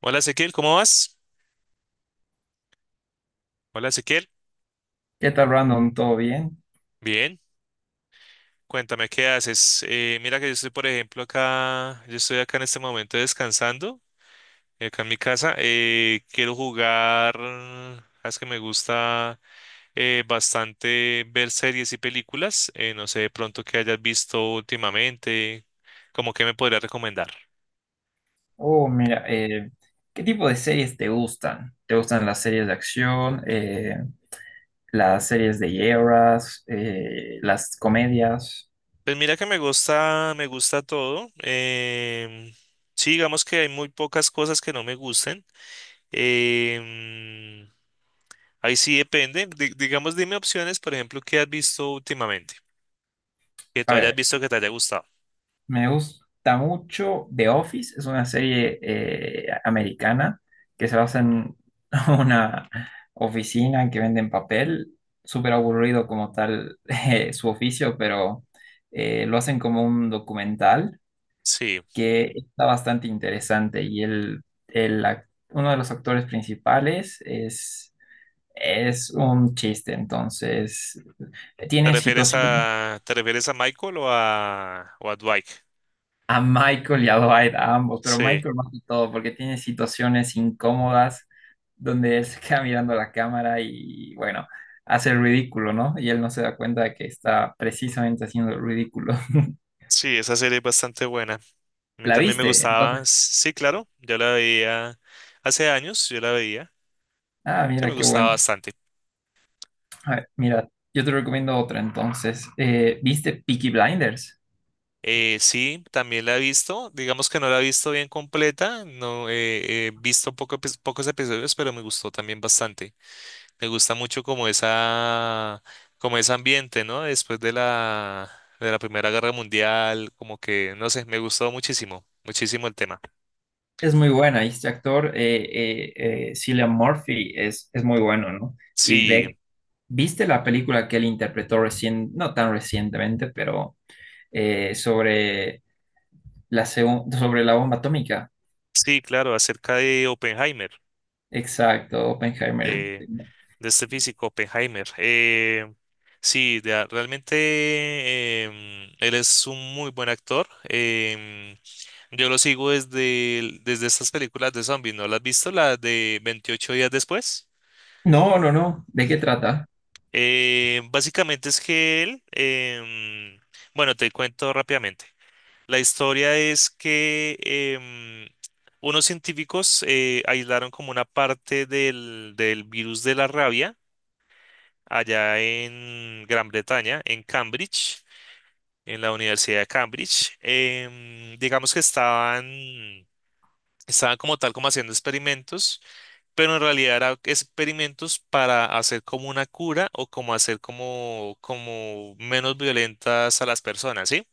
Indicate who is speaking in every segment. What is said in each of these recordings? Speaker 1: Hola Ezequiel, ¿cómo vas? Hola Ezequiel,
Speaker 2: ¿Qué tal, Brandon? ¿Todo bien?
Speaker 1: bien, cuéntame qué haces. Mira que yo estoy, por ejemplo, acá, yo estoy acá en este momento descansando, acá en mi casa. Quiero jugar, es que me gusta bastante ver series y películas. No sé de pronto qué hayas visto últimamente, como que me podrías recomendar.
Speaker 2: Oh, mira, ¿qué tipo de series te gustan? ¿Te gustan las series de acción, las series de guerras, las comedias?
Speaker 1: Pues mira que me gusta todo. Sí, digamos que hay muy pocas cosas que no me gusten. em, Ahí sí depende. Digamos, dime opciones, por ejemplo, que has visto últimamente, que
Speaker 2: A
Speaker 1: tú hayas
Speaker 2: ver,
Speaker 1: visto que te haya gustado.
Speaker 2: me gusta mucho The Office, es una serie americana que se basa en una oficina que venden papel, súper aburrido como tal su oficio, pero lo hacen como un documental
Speaker 1: Sí.
Speaker 2: que está bastante interesante y uno de los actores principales es un chiste, entonces
Speaker 1: ¿Te
Speaker 2: tiene
Speaker 1: refieres
Speaker 2: situaciones
Speaker 1: a, te refieres a Michael o a Dwight?
Speaker 2: a Michael y a Dwight, a ambos, pero
Speaker 1: Sí,
Speaker 2: Michael más que todo porque tiene situaciones incómodas donde él se queda mirando la cámara y bueno, hace el ridículo, ¿no? Y él no se da cuenta de que está precisamente haciendo el ridículo.
Speaker 1: sí, esa serie es bastante buena. A mí
Speaker 2: ¿La
Speaker 1: también me
Speaker 2: viste? Entonces,
Speaker 1: gustaba. Sí, claro, yo la veía hace años, yo la veía,
Speaker 2: ah,
Speaker 1: que me
Speaker 2: mira, qué
Speaker 1: gustaba
Speaker 2: bueno.
Speaker 1: bastante.
Speaker 2: A ver, mira, yo te recomiendo otra entonces. ¿Viste Peaky Blinders?
Speaker 1: Sí, también la he visto. Digamos que no la he visto bien completa. No he visto pocos episodios, pero me gustó también bastante. Me gusta mucho como esa, como ese ambiente, ¿no? Después de la Primera Guerra Mundial, como que, no sé, me gustó muchísimo, muchísimo el tema.
Speaker 2: Es muy buena, y este actor, Cillian Murphy, es muy bueno, ¿no? Y
Speaker 1: Sí,
Speaker 2: ve- ¿Viste la película que él interpretó recién, no tan recientemente, pero sobre sobre la bomba atómica?
Speaker 1: sí, claro, acerca de Oppenheimer.
Speaker 2: Exacto, Oppenheimer.
Speaker 1: eh, de este físico, Oppenheimer. Sí, realmente él es un muy buen actor. Yo lo sigo desde estas películas de zombies, ¿no las has visto? La de 28 días después.
Speaker 2: No, no, no. ¿De qué trata?
Speaker 1: Básicamente es que él, bueno, te cuento rápidamente. La historia es que unos científicos aislaron como una parte del virus de la rabia allá en Gran Bretaña, en Cambridge, en la Universidad de Cambridge. Digamos que estaban como tal como haciendo experimentos, pero en realidad eran experimentos para hacer como una cura o como hacer como menos violentas a las personas, ¿sí?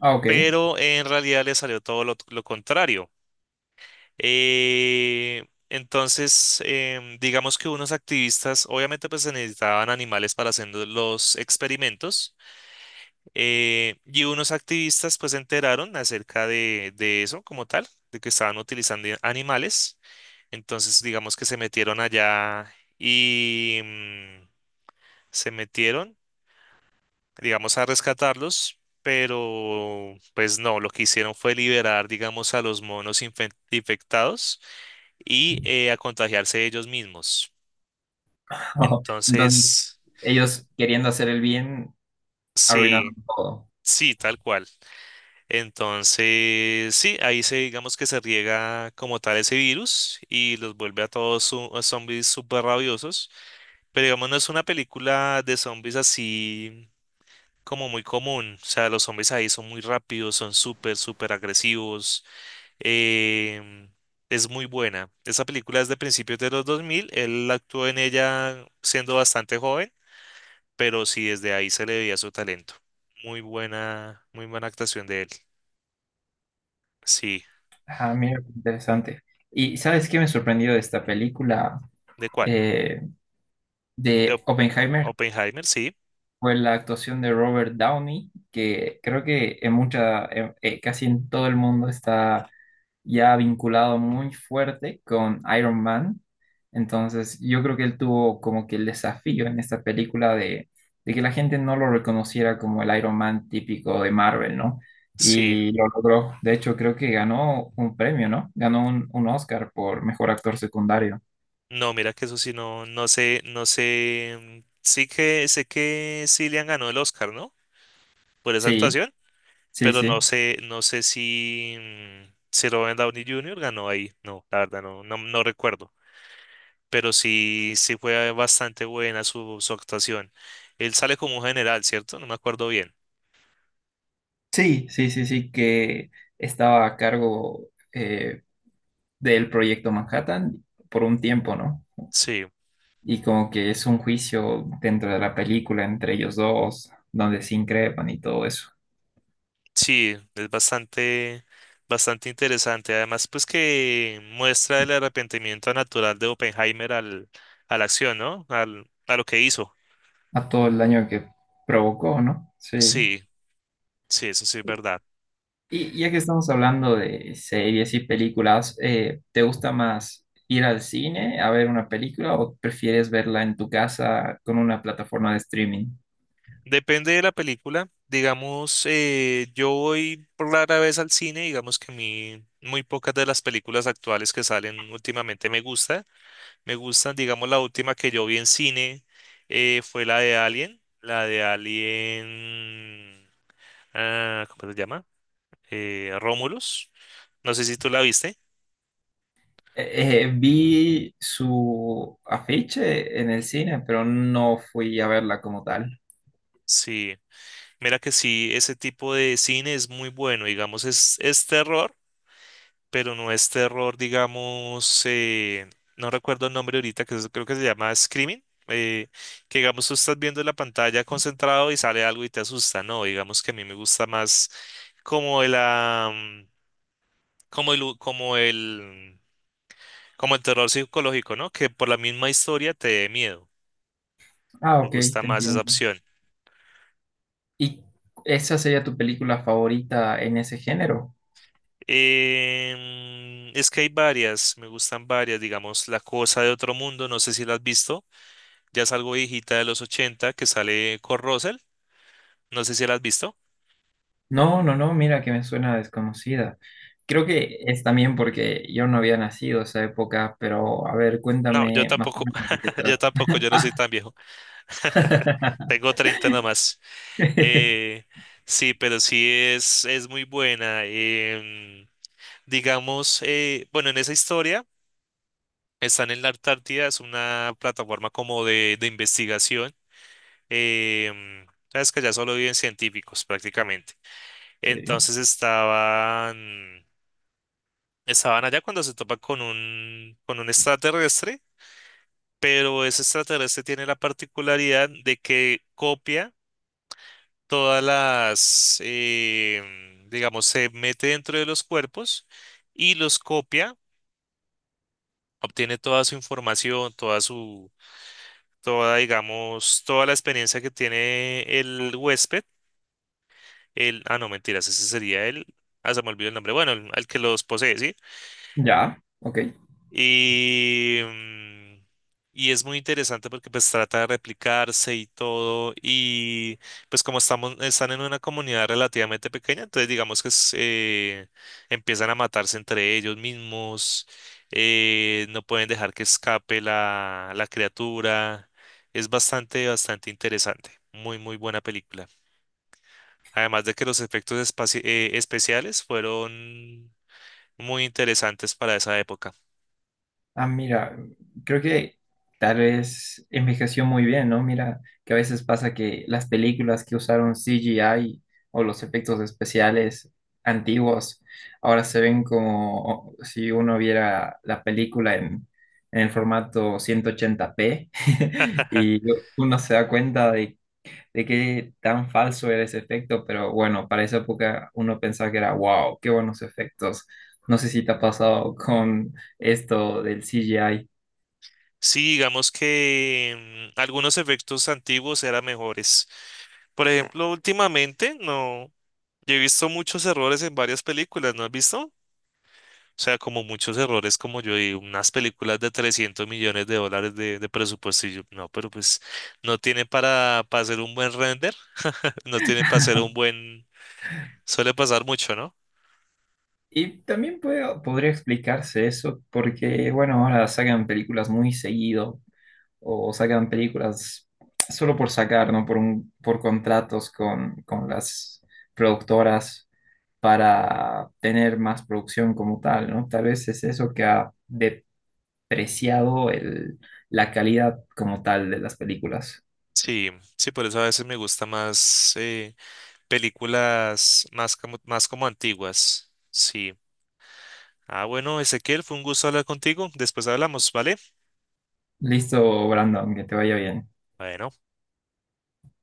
Speaker 2: Ah, ok.
Speaker 1: Pero en realidad le salió todo lo contrario. Entonces, digamos que unos activistas, obviamente pues se necesitaban animales para hacer los experimentos. Y unos activistas pues se enteraron acerca de eso como tal, de que estaban utilizando animales. Entonces digamos que se metieron allá y se metieron, digamos, a rescatarlos, pero pues no, lo que hicieron fue liberar, digamos, a los monos infectados y a contagiarse ellos mismos.
Speaker 2: Entonces,
Speaker 1: Entonces,
Speaker 2: ellos queriendo hacer el bien, arruinando
Speaker 1: sí,
Speaker 2: todo.
Speaker 1: sí, tal cual. Entonces, sí, ahí se digamos que se riega como tal ese virus y los vuelve a todos a zombies súper rabiosos. Pero digamos, no es una película de zombies así como muy común. O sea, los zombies ahí son muy rápidos, son súper, súper agresivos. em, es muy buena. Esa película es de principios de los 2000. Él actuó en ella siendo bastante joven, pero sí, desde ahí se le veía su talento. Muy buena actuación de él. Sí,
Speaker 2: Ajá, mira, qué interesante. ¿Y sabes qué me sorprendió de esta película
Speaker 1: ¿de cuál?
Speaker 2: eh,
Speaker 1: De
Speaker 2: de Oppenheimer?
Speaker 1: Oppenheimer, sí,
Speaker 2: Fue la actuación de Robert Downey, que creo que casi en todo el mundo está ya vinculado muy fuerte con Iron Man. Entonces, yo creo que él tuvo como que el desafío en esta película de que la gente no lo reconociera como el Iron Man típico de Marvel, ¿no?
Speaker 1: sí.
Speaker 2: Y lo logró. De hecho, creo que ganó un premio, ¿no? Ganó un Oscar por mejor actor secundario.
Speaker 1: No, mira que eso sí, no, no sé. Sí que sé que Cillian ganó el Oscar, ¿no? Por esa
Speaker 2: Sí,
Speaker 1: actuación,
Speaker 2: sí,
Speaker 1: pero no
Speaker 2: sí.
Speaker 1: sé, no sé si, si Robert Downey Jr. ganó ahí. No, la verdad, no, no, no recuerdo. Pero sí, sí fue bastante buena su actuación. Él sale como un general, ¿cierto? No me acuerdo bien.
Speaker 2: Sí, sí, sí, sí, que estaba a cargo del proyecto Manhattan por un tiempo, ¿no?
Speaker 1: Sí.
Speaker 2: Y como que es un juicio dentro de la película entre ellos dos, donde se increpan y todo eso,
Speaker 1: Sí, es bastante, bastante interesante. Además, pues que muestra el arrepentimiento natural de Oppenheimer a la acción, ¿no? A lo que hizo.
Speaker 2: a todo el daño que provocó, ¿no? Sí.
Speaker 1: Sí, sí, eso sí es verdad.
Speaker 2: Y ya que estamos hablando de series y películas, ¿te gusta más ir al cine a ver una película o prefieres verla en tu casa con una plataforma de streaming?
Speaker 1: Depende de la película. Digamos, yo voy rara vez al cine, digamos que a mí muy pocas de las películas actuales que salen últimamente me gusta. Me gustan, digamos, la última que yo vi en cine fue la de Alien, ah, ¿cómo se llama? Romulus. No sé si tú la viste.
Speaker 2: Vi su afiche en el cine, pero no fui a verla como tal.
Speaker 1: Sí, mira que sí, ese tipo de cine es muy bueno, digamos, es terror, pero no es terror, digamos, no recuerdo el nombre ahorita, creo que se llama Screaming, que digamos tú estás viendo la pantalla concentrado y sale algo y te asusta, no, digamos que a mí me gusta más como el, ah, mm, como el, como el, como el terror psicológico, ¿no? Que por la misma historia te dé miedo,
Speaker 2: Ah,
Speaker 1: me
Speaker 2: ok,
Speaker 1: gusta
Speaker 2: te
Speaker 1: más esa
Speaker 2: entiendo.
Speaker 1: opción.
Speaker 2: ¿Y esa sería tu película favorita en ese género?
Speaker 1: Es que hay varias, me gustan varias, digamos, La Cosa de Otro Mundo, no sé si la has visto, ya es algo viejita de los 80 que sale con Russell, no sé si la has visto.
Speaker 2: No, no, no, mira que me suena desconocida. Creo que es también porque yo no había nacido esa época, pero a ver,
Speaker 1: No, yo
Speaker 2: cuéntame más o
Speaker 1: tampoco,
Speaker 2: menos de qué
Speaker 1: yo
Speaker 2: trata.
Speaker 1: tampoco, yo no soy
Speaker 2: Ah.
Speaker 1: tan viejo. Tengo 30 nomás.
Speaker 2: ¿En
Speaker 1: Eh, sí, pero sí es muy buena. Digamos, bueno, en esa historia están en la Antártida, es una plataforma como de investigación, em, sabes que allá solo viven científicos prácticamente. Entonces estaban, allá cuando se topa con un extraterrestre, pero ese extraterrestre tiene la particularidad de que copia todas las, digamos, se mete dentro de los cuerpos y los copia, obtiene toda su información, toda su, toda, digamos, toda la experiencia que tiene el huésped. El, ah, no, mentiras, ese sería el. Ah, se me olvidó el nombre. Bueno, el que los posee, ¿sí?
Speaker 2: Ya, ok.
Speaker 1: Y, mm, y es muy interesante porque pues trata de replicarse y todo. Y pues como estamos, están en una comunidad relativamente pequeña, entonces digamos que empiezan a matarse entre ellos mismos. No pueden dejar que escape la criatura. Es bastante, bastante interesante. Muy, muy buena película. Además de que los efectos especiales fueron muy interesantes para esa época.
Speaker 2: Ah, mira, creo que tal vez envejeció muy bien, ¿no? Mira, que a veces pasa que las películas que usaron CGI o los efectos especiales antiguos ahora se ven como si uno viera la película en el formato 180p y uno se da cuenta de qué tan falso era ese efecto, pero bueno, para esa época uno pensaba que era, wow, qué buenos efectos. No sé si te ha pasado con esto del CGI.
Speaker 1: Sí, digamos que algunos efectos antiguos eran mejores. Por ejemplo, últimamente no, yo he visto muchos errores en varias películas, ¿no has visto? O sea, como muchos errores, como yo digo, unas películas de $300 millones de presupuesto y yo, no, pero pues no tiene para hacer un buen render, no tiene para hacer un buen, suele pasar mucho, ¿no?
Speaker 2: Y también podría explicarse eso porque, bueno, ahora sacan películas muy seguido o sacan películas solo por sacar, ¿no? Por contratos con las productoras para tener más producción como tal, ¿no? Tal vez es eso que apreciado la calidad como tal de las películas.
Speaker 1: Sí, sí, por eso a veces me gusta más películas más como antiguas. Sí. Ah, bueno, Ezequiel, fue un gusto hablar contigo. Después hablamos, ¿vale?
Speaker 2: Listo, Brandon, que te vaya bien.
Speaker 1: Bueno.